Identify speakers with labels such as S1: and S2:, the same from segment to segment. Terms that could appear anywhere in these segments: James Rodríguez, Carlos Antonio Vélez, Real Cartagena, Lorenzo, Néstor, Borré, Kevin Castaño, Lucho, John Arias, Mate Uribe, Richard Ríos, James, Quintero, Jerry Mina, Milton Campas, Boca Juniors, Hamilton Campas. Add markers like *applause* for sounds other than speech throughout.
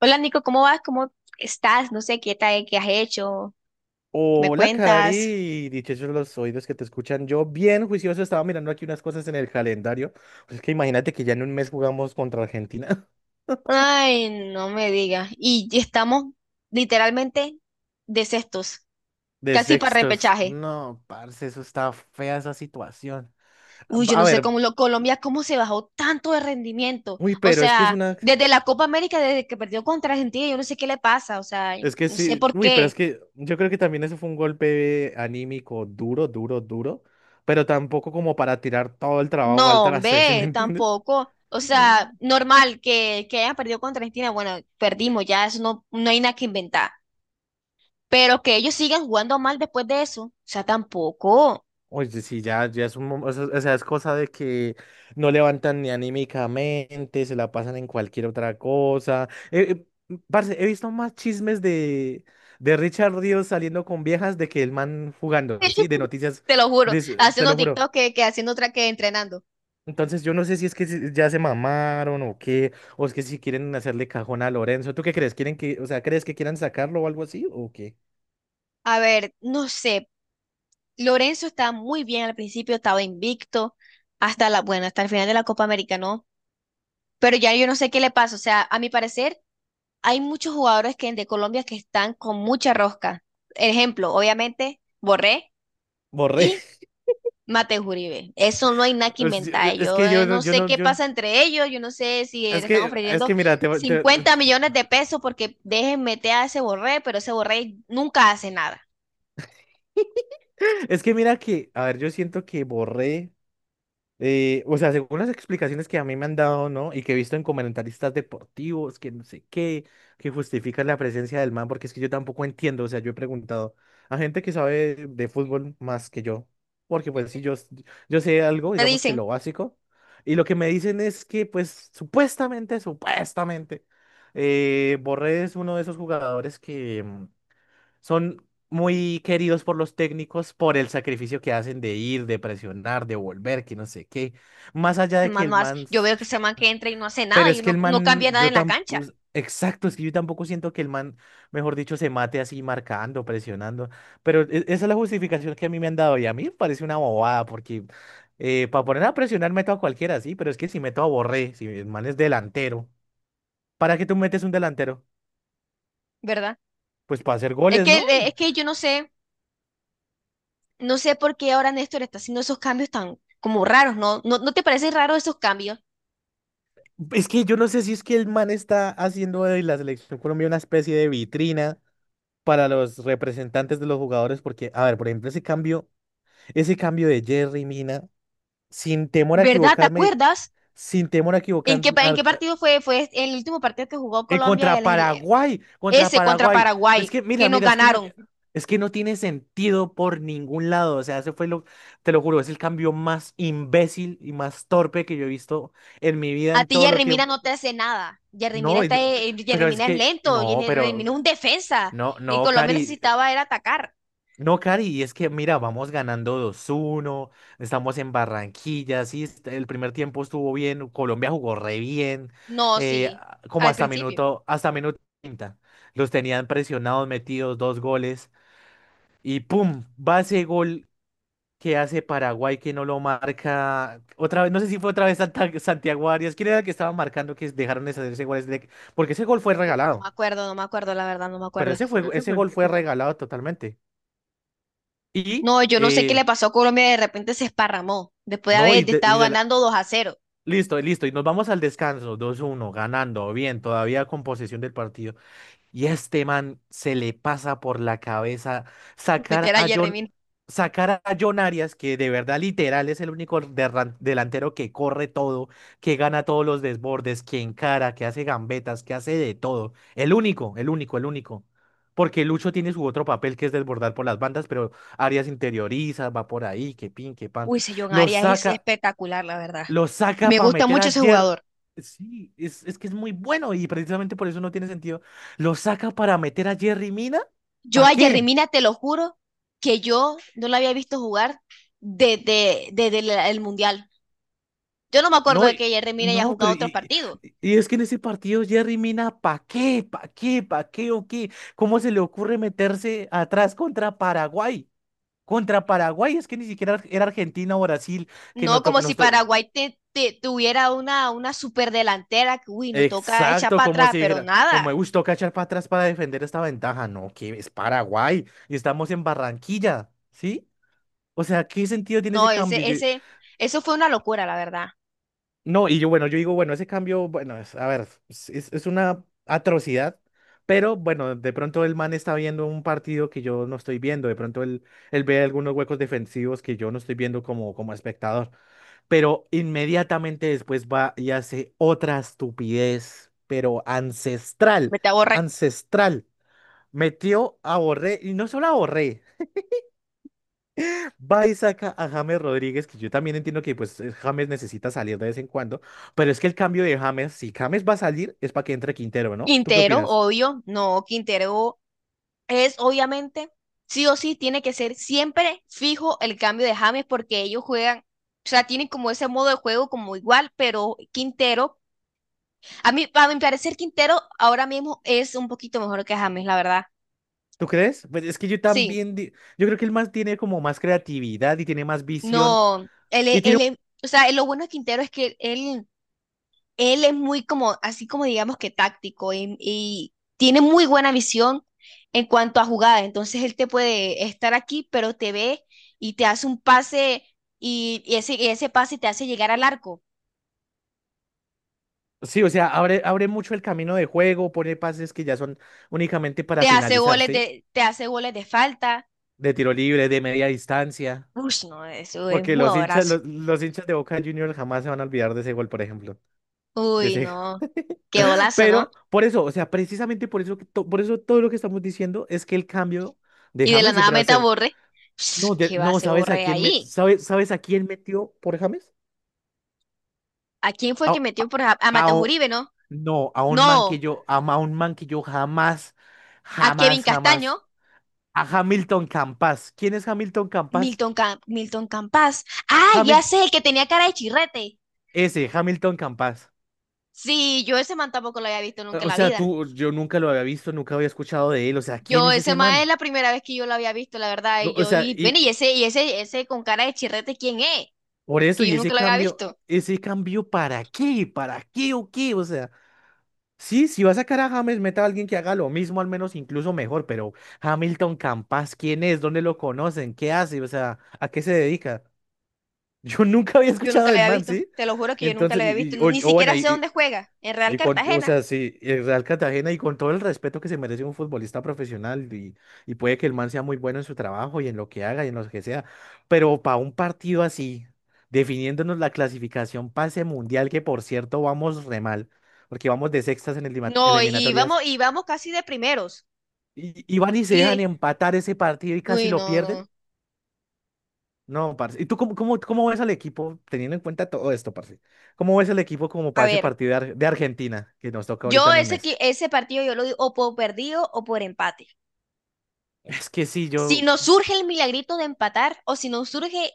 S1: Hola Nico, ¿cómo vas? ¿Cómo estás? No sé qué tal, qué has hecho. ¿Qué me
S2: Hola,
S1: cuentas?
S2: Cari, dichosos los oídos que te escuchan. Yo, bien juicioso, estaba mirando aquí unas cosas en el calendario. Pues es que imagínate que ya en un mes jugamos contra Argentina
S1: Ay, no me digas. Y ya estamos literalmente de sextos,
S2: *laughs* de
S1: casi para
S2: sextos.
S1: repechaje.
S2: No, parce, eso está fea esa situación.
S1: Uy, yo
S2: A
S1: no sé
S2: ver,
S1: Colombia, cómo se bajó tanto de rendimiento.
S2: uy,
S1: O
S2: pero es que es
S1: sea,
S2: una.
S1: desde la Copa América, desde que perdió contra Argentina, yo no sé qué le pasa. O sea,
S2: Es que
S1: no sé
S2: sí,
S1: por
S2: uy, pero es
S1: qué.
S2: que yo creo que también eso fue un golpe anímico duro, duro, duro, pero tampoco como para tirar todo el trabajo al
S1: No,
S2: traste, *laughs* ¿sí me
S1: hombre,
S2: entiendes?
S1: tampoco. O sea,
S2: *laughs*
S1: normal que hayan perdido contra Argentina. Bueno, perdimos ya, eso no hay nada que inventar. Pero que ellos sigan jugando mal después de eso, o sea, tampoco.
S2: Oye, sí, ya, ya es un, o sea, es cosa de que no levantan ni anímicamente, se la pasan en cualquier otra cosa. Parce, he visto más chismes de, Richard Ríos saliendo con viejas de que el man jugando, ¿sí? De
S1: *laughs*
S2: noticias,
S1: Te lo juro,
S2: te
S1: haciendo
S2: lo juro.
S1: TikTok que haciendo otra que entrenando.
S2: Entonces yo no sé si es que ya se mamaron o qué, o es que si quieren hacerle cajón a Lorenzo. ¿Tú qué crees? ¿Quieren que, o sea, crees que quieran sacarlo o algo así o qué?
S1: A ver, no sé, Lorenzo estaba muy bien al principio, estaba invicto bueno, hasta el final de la Copa América, ¿no? Pero ya yo no sé qué le pasa, o sea, a mi parecer hay muchos jugadores que de Colombia que están con mucha rosca. Ejemplo, obviamente, Borré
S2: Borré.
S1: y
S2: *laughs*
S1: Mate Uribe, eso no hay nada que
S2: Es,
S1: inventar.
S2: es
S1: Yo
S2: que yo no,
S1: no
S2: yo
S1: sé
S2: no,
S1: qué
S2: yo no.
S1: pasa entre ellos, yo no sé si
S2: Es
S1: le están
S2: que, es que
S1: ofreciendo
S2: mira,
S1: 50 millones de pesos porque dejen meter a ese Borré, pero ese Borré nunca hace nada.
S2: es que mira que, a ver, yo siento que borré, o sea, según las explicaciones que a mí me han dado, ¿no? Y que he visto en comentaristas deportivos, que no sé qué, que justifican la presencia del man, porque es que yo tampoco entiendo, o sea, yo he preguntado a gente que sabe de fútbol más que yo, porque pues sí, yo sé algo,
S1: Te
S2: digamos que lo
S1: dicen,
S2: básico, y lo que me dicen es que pues supuestamente, Borré es uno de esos jugadores que... son muy queridos por los técnicos por el sacrificio que hacen de ir, de presionar, de volver, que no sé qué. Más allá
S1: el
S2: de que
S1: man
S2: el
S1: no hace,
S2: man...
S1: yo
S2: s-
S1: veo que ese man que entra y no hace nada
S2: Pero es
S1: y
S2: que
S1: no,
S2: el
S1: no
S2: man,
S1: cambia nada
S2: yo
S1: en la
S2: tampoco...
S1: cancha,
S2: Exacto, es que yo tampoco siento que el man, mejor dicho, se mate así marcando, presionando. Pero esa es la justificación que a mí me han dado y a mí me parece una bobada porque para poner a presionar meto a cualquiera, sí, pero es que si meto a Borré, si el man es delantero, ¿para qué tú metes un delantero?
S1: ¿verdad?
S2: Pues para hacer
S1: Es
S2: goles,
S1: que,
S2: ¿no?
S1: eh, es que yo no sé, no sé por qué ahora Néstor está haciendo esos cambios tan como raros, ¿no? ¿No, no te parece raro esos cambios?
S2: Es que yo no sé si es que el man está haciendo de la selección Colombia una especie de vitrina para los representantes de los jugadores, porque, a ver, por ejemplo, ese cambio de Jerry Mina, sin temor a
S1: ¿Verdad? ¿Te
S2: equivocarme,
S1: acuerdas?
S2: sin temor a
S1: ¿En
S2: equivocar,
S1: qué, pa- en
S2: a-
S1: qué partido fue? Fue el último partido que jugó Colombia.
S2: contra Paraguay, contra
S1: Ese contra
S2: Paraguay. Es
S1: Paraguay,
S2: que, mira,
S1: que nos
S2: mira, es que no,
S1: ganaron.
S2: es que no tiene sentido por ningún lado. O sea, ese fue lo, te lo juro, es el cambio más imbécil y más torpe que yo he visto en mi vida
S1: A
S2: en
S1: ti
S2: todo, lo.
S1: Jerry Mina no te hace nada.
S2: No,
S1: Jerry
S2: pero es
S1: Mina es
S2: que,
S1: lento,
S2: no,
S1: Jerry
S2: pero,
S1: Mina es un defensa.
S2: no,
S1: Y
S2: no,
S1: Colombia
S2: Cari,
S1: necesitaba era atacar.
S2: no, Cari, y es que, mira, vamos ganando 2-1, estamos en Barranquilla, sí, el primer tiempo estuvo bien, Colombia jugó re bien,
S1: No, sí,
S2: como
S1: al principio.
S2: hasta minuto 30 los tenían presionados, metidos dos goles, y pum, va ese gol que hace Paraguay que no lo marca, otra vez, no sé si fue otra vez Santiago Arias, ¿quién era el que estaba marcando que dejaron de hacer ese gol? Porque ese gol fue
S1: Uy, no me
S2: regalado.
S1: acuerdo, no me acuerdo, la verdad, no me
S2: Pero
S1: acuerdo.
S2: ese fue, ese gol fue regalado totalmente. Y,
S1: No, yo no sé qué
S2: eh,
S1: le pasó a Colombia, de repente se esparramó. Después de
S2: no,
S1: haber
S2: y
S1: estado
S2: de la...
S1: ganando 2-0
S2: Listo, listo, y nos vamos al descanso, 2-1 ganando, bien, todavía con posesión del partido. Y a este man se le pasa por la cabeza
S1: meter
S2: sacar
S1: a
S2: a
S1: Jerry
S2: John,
S1: Mina.
S2: sacar a John Arias, que de verdad literal es el único delantero que corre todo, que gana todos los desbordes, que encara, que hace gambetas, que hace de todo. El único, el único, el único. Porque Lucho tiene su otro papel que es desbordar por las bandas, pero Arias interioriza, va por ahí, que pin, que pan.
S1: Uy, ese John
S2: Lo
S1: Arias es
S2: saca.
S1: espectacular, la verdad.
S2: Lo saca
S1: Me
S2: para
S1: gusta
S2: meter
S1: mucho
S2: a
S1: ese
S2: Jer.
S1: jugador.
S2: Sí, es que es muy bueno y precisamente por eso no tiene sentido. Lo saca para meter a Jerry Mina.
S1: Yo
S2: ¿Para
S1: a Jerry
S2: qué?
S1: Mina, te lo juro, que yo no la había visto jugar desde el Mundial. Yo no me acuerdo
S2: No,
S1: de que Jerry Mina haya
S2: no,
S1: jugado
S2: pero
S1: otros
S2: y,
S1: partidos.
S2: y es que en ese partido Jerry Mina, ¿para qué? ¿Para qué? ¿Para qué o qué? ¿Cómo se le ocurre meterse atrás contra Paraguay? Contra Paraguay, es que ni siquiera era Argentina o Brasil que
S1: No como si Paraguay tuviera una superdelantera que, uy, nos toca echar
S2: exacto,
S1: para
S2: como
S1: atrás,
S2: si
S1: pero
S2: dijera, como me
S1: nada.
S2: gustó cachar para atrás para defender esta ventaja. No, que es Paraguay y estamos en Barranquilla, ¿sí? O sea, ¿qué sentido tiene ese
S1: No,
S2: cambio? Yo.
S1: eso fue una locura, la verdad.
S2: No, y yo, bueno, yo digo, bueno, ese cambio, bueno, es- a ver, es una atrocidad, pero bueno, de pronto el man está viendo un partido que yo no estoy viendo, de pronto él, él ve algunos huecos defensivos que yo no estoy viendo como, como espectador. Pero inmediatamente después va y hace otra estupidez, pero ancestral,
S1: Me te borrar.
S2: ancestral. Metió a Borré, y no solo a Borré, va y saca a James Rodríguez, que yo también entiendo que pues James necesita salir de vez en cuando, pero es que el cambio de James, si James va a salir, es para que entre Quintero, ¿no? ¿Tú qué
S1: Quintero,
S2: opinas?
S1: obvio. No, Quintero es obviamente, sí o sí, tiene que ser siempre fijo el cambio de James porque ellos juegan, o sea, tienen como ese modo de juego como igual, pero Quintero, a mi parecer, Quintero ahora mismo es un poquito mejor que James, la verdad.
S2: ¿Tú crees? Pues es que yo
S1: Sí,
S2: también, yo creo que él más tiene como más creatividad y tiene más visión
S1: no,
S2: y tiene.
S1: o sea, lo bueno de Quintero es que él. Él es muy como, así como digamos que táctico y tiene muy buena visión en cuanto a jugada. Entonces él te puede estar aquí, pero te ve y te hace un pase y ese pase te hace llegar al arco.
S2: Sí, o sea, abre, abre mucho el camino de juego, pone pases que ya son únicamente para
S1: Te hace
S2: finalizar,
S1: goles
S2: ¿sí?
S1: de, te hace goles de falta.
S2: De tiro libre, de media distancia.
S1: Uy, no, eso es un
S2: Porque
S1: jugadorazo.
S2: los hinchas de Boca Juniors jamás se van a olvidar de ese gol, por ejemplo. De
S1: Uy,
S2: ese...
S1: no, qué
S2: *laughs*
S1: golazo, ¿no?
S2: Pero por eso, o sea, precisamente por eso, por eso todo lo que estamos diciendo es que el cambio de
S1: Y de la
S2: James
S1: nada
S2: siempre va a
S1: mete a
S2: ser.
S1: Borre. Ush,
S2: No,
S1: ¿qué va a
S2: no,
S1: hacer
S2: ¿sabes a
S1: Borre
S2: quién me,
S1: ahí?
S2: sabes, sabes a quién metió por James?
S1: ¿A quién fue
S2: A,
S1: que metió
S2: a-
S1: por a
S2: a
S1: Mateo
S2: un-
S1: Uribe, no?
S2: no, a un man que
S1: No,
S2: yo, un man que yo jamás,
S1: a Kevin
S2: jamás,
S1: Castaño.
S2: jamás a Hamilton Campas. ¿Quién es Hamilton Campas?
S1: Milton Campas. Ah, ya
S2: Hamil
S1: sé, el que tenía cara de chirrete.
S2: ese, Hamilton Campas.
S1: Sí, yo ese man tampoco lo había visto nunca en
S2: O
S1: la
S2: sea,
S1: vida.
S2: tú, yo nunca lo había visto, nunca había escuchado de él. O sea, ¿quién
S1: Yo
S2: es
S1: ese
S2: ese
S1: man es
S2: man?
S1: la primera vez que yo lo había visto, la verdad.
S2: No,
S1: Y
S2: o
S1: yo
S2: sea,
S1: vi, bueno,
S2: y
S1: ese con cara de chirrete, ¿quién es?
S2: por eso,
S1: Que yo nunca lo había visto.
S2: ese cambio, ¿para qué? ¿Para qué o qué? O sea, sí, si va a sacar a James, meta a alguien que haga lo mismo, al menos incluso mejor, pero Hamilton Campas, ¿quién es? ¿Dónde lo conocen? ¿Qué hace? O sea, ¿a qué se dedica? *laughs* Yo nunca había
S1: Yo
S2: escuchado
S1: nunca lo
S2: del
S1: había
S2: man,
S1: visto.
S2: ¿sí?
S1: Te lo juro que yo nunca
S2: Entonces,
S1: lo había visto. Ni
S2: o bueno,
S1: siquiera sé
S2: y,
S1: dónde juega. En Real
S2: Y con, o
S1: Cartagena.
S2: sea, sí, el Real Cartagena y con todo el respeto que se merece un futbolista profesional y puede que el man sea muy bueno en su trabajo y en lo que haga y en lo que sea, pero para un partido así, definiéndonos la clasificación pase mundial, que por cierto vamos re mal, porque vamos de sextas en
S1: No, y
S2: eliminatorias,
S1: vamos, y vamos casi de primeros.
S2: y van y se
S1: Y
S2: dejan
S1: de-
S2: empatar ese partido y casi
S1: Uy,
S2: lo
S1: no,
S2: pierden.
S1: no.
S2: No, parce. ¿Y tú cómo, cómo, cómo ves al equipo, teniendo en cuenta todo esto, parce? ¿Cómo ves al equipo como
S1: A
S2: para ese
S1: ver,
S2: partido de, Argentina que nos toca ahorita en un mes?
S1: ese partido yo lo di o por perdido o por empate.
S2: Es que sí,
S1: Si
S2: yo...
S1: nos surge el milagrito de empatar o si nos surge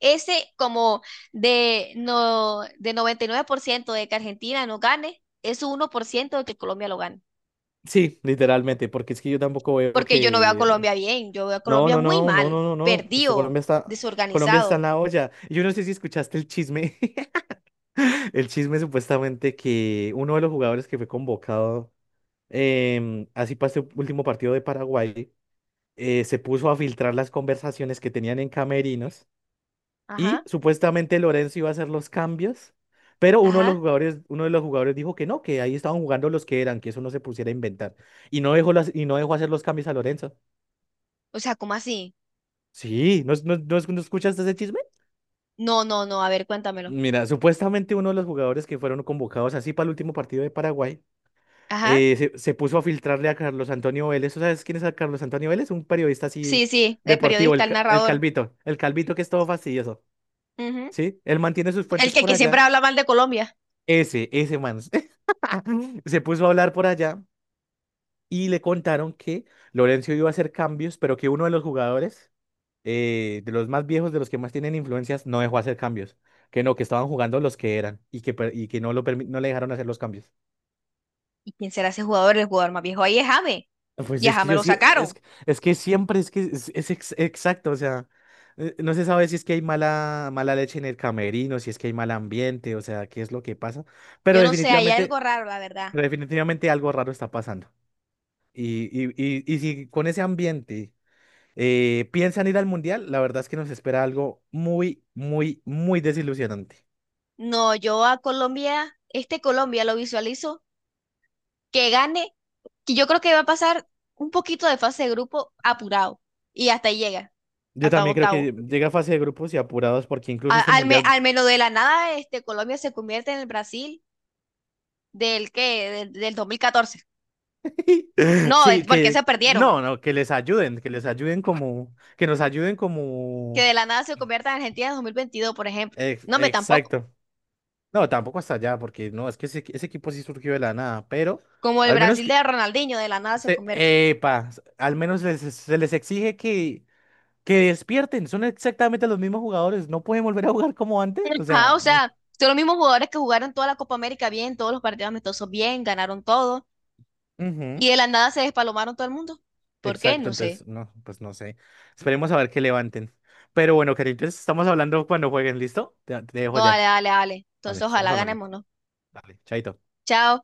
S1: ese como de, no, de 99% de que Argentina no gane, es un 1% de que Colombia lo gane.
S2: Sí, literalmente, porque es que yo tampoco veo
S1: Porque yo no veo a
S2: que...
S1: Colombia bien, yo veo a
S2: No,
S1: Colombia
S2: no,
S1: muy
S2: no, no, no,
S1: mal,
S2: no, no. Esto
S1: perdido,
S2: Colombia está en
S1: desorganizado.
S2: la olla. Yo no sé si escuchaste el chisme. *laughs* El chisme supuestamente que uno de los jugadores que fue convocado así para este último partido de Paraguay se puso a filtrar las conversaciones que tenían en camerinos y
S1: Ajá,
S2: supuestamente Lorenzo iba a hacer los cambios, pero uno de los
S1: ajá.
S2: jugadores, uno de los jugadores dijo que no, que ahí estaban jugando los que eran, que eso no se pusiera a inventar. Y no dejó las, y no dejó hacer los cambios a Lorenzo.
S1: O sea, ¿cómo así?
S2: Sí, ¿ no escuchaste ese chisme?
S1: No, no, no, a ver, cuéntamelo.
S2: Mira, supuestamente uno de los jugadores que fueron convocados así para el último partido de Paraguay
S1: Ajá.
S2: se puso a filtrarle a Carlos Antonio Vélez. ¿Tú sabes quién es a Carlos Antonio Vélez? Un periodista
S1: Sí,
S2: así
S1: sí, el
S2: deportivo,
S1: periodista, el narrador.
S2: el calvito que es todo fastidioso.
S1: Ujú.
S2: ¿Sí? Él mantiene sus
S1: El
S2: fuentes
S1: que,
S2: por
S1: que siempre
S2: allá.
S1: habla mal de Colombia.
S2: Ese man. *laughs* *laughs* Se puso a hablar por allá y le contaron que Lorenzo iba a hacer cambios, pero que uno de los jugadores, de los más viejos, de los que más tienen influencias, no dejó hacer cambios. Que no, que estaban jugando los que eran y que, y que no, no le dejaron hacer los cambios.
S1: ¿Y quién será ese jugador? El jugador más viejo ahí es James.
S2: Pues
S1: Y a
S2: es que
S1: James
S2: yo
S1: lo
S2: sí,
S1: sacaron.
S2: es que siempre es que exacto, o sea, no se sabe si es que hay mala, mala leche en el camerino, si es que hay mal ambiente, o sea, qué es lo que pasa, pero
S1: Yo no sé, hay algo
S2: definitivamente,
S1: raro, la verdad.
S2: pero definitivamente algo raro está pasando. Y si con ese ambiente. ¿Piensan ir al mundial? La verdad es que nos espera algo muy, muy, muy desilusionante.
S1: No, yo a Colombia, este Colombia lo visualizo que gane, que yo creo que va a pasar un poquito de fase de grupo apurado y hasta ahí llega,
S2: Yo
S1: hasta
S2: también creo
S1: octavo.
S2: que llega a fase de grupos y apurados porque incluso
S1: A-
S2: este
S1: al, me-
S2: mundial,
S1: al menos de la nada, este Colombia se convierte en el Brasil del 2014.
S2: *laughs*
S1: No,
S2: sí,
S1: porque se
S2: que
S1: perdieron.
S2: no, no, que les ayuden como, que nos ayuden
S1: Que
S2: como,
S1: de la nada se convierta en Argentina en 2022 por ejemplo. No, me tampoco.
S2: exacto. No, tampoco hasta allá porque no, es que ese equipo sí surgió de la nada, pero
S1: Como el
S2: al menos
S1: Brasil
S2: que,
S1: de Ronaldinho, de la nada se
S2: se,
S1: convierte.
S2: epa, se les exige que despierten, son exactamente los mismos jugadores, no pueden volver a jugar como antes, o
S1: Ajá, o
S2: sea,
S1: sea, son los mismos jugadores que jugaron toda la Copa América bien, todos los partidos amistosos bien, ganaron todo,
S2: ujú,
S1: y de la nada se despalomaron todo el mundo. ¿Por qué?
S2: exacto,
S1: No sé.
S2: entonces, no, pues no sé. Esperemos a ver que levanten. Pero bueno, cariño, entonces estamos hablando cuando jueguen, ¿listo? Te dejo
S1: No, dale,
S2: ya.
S1: dale, dale.
S2: Dale,
S1: Entonces,
S2: estamos
S1: ojalá
S2: hablando.
S1: ganemos, ¿no?
S2: Dale, chaito.
S1: Chao.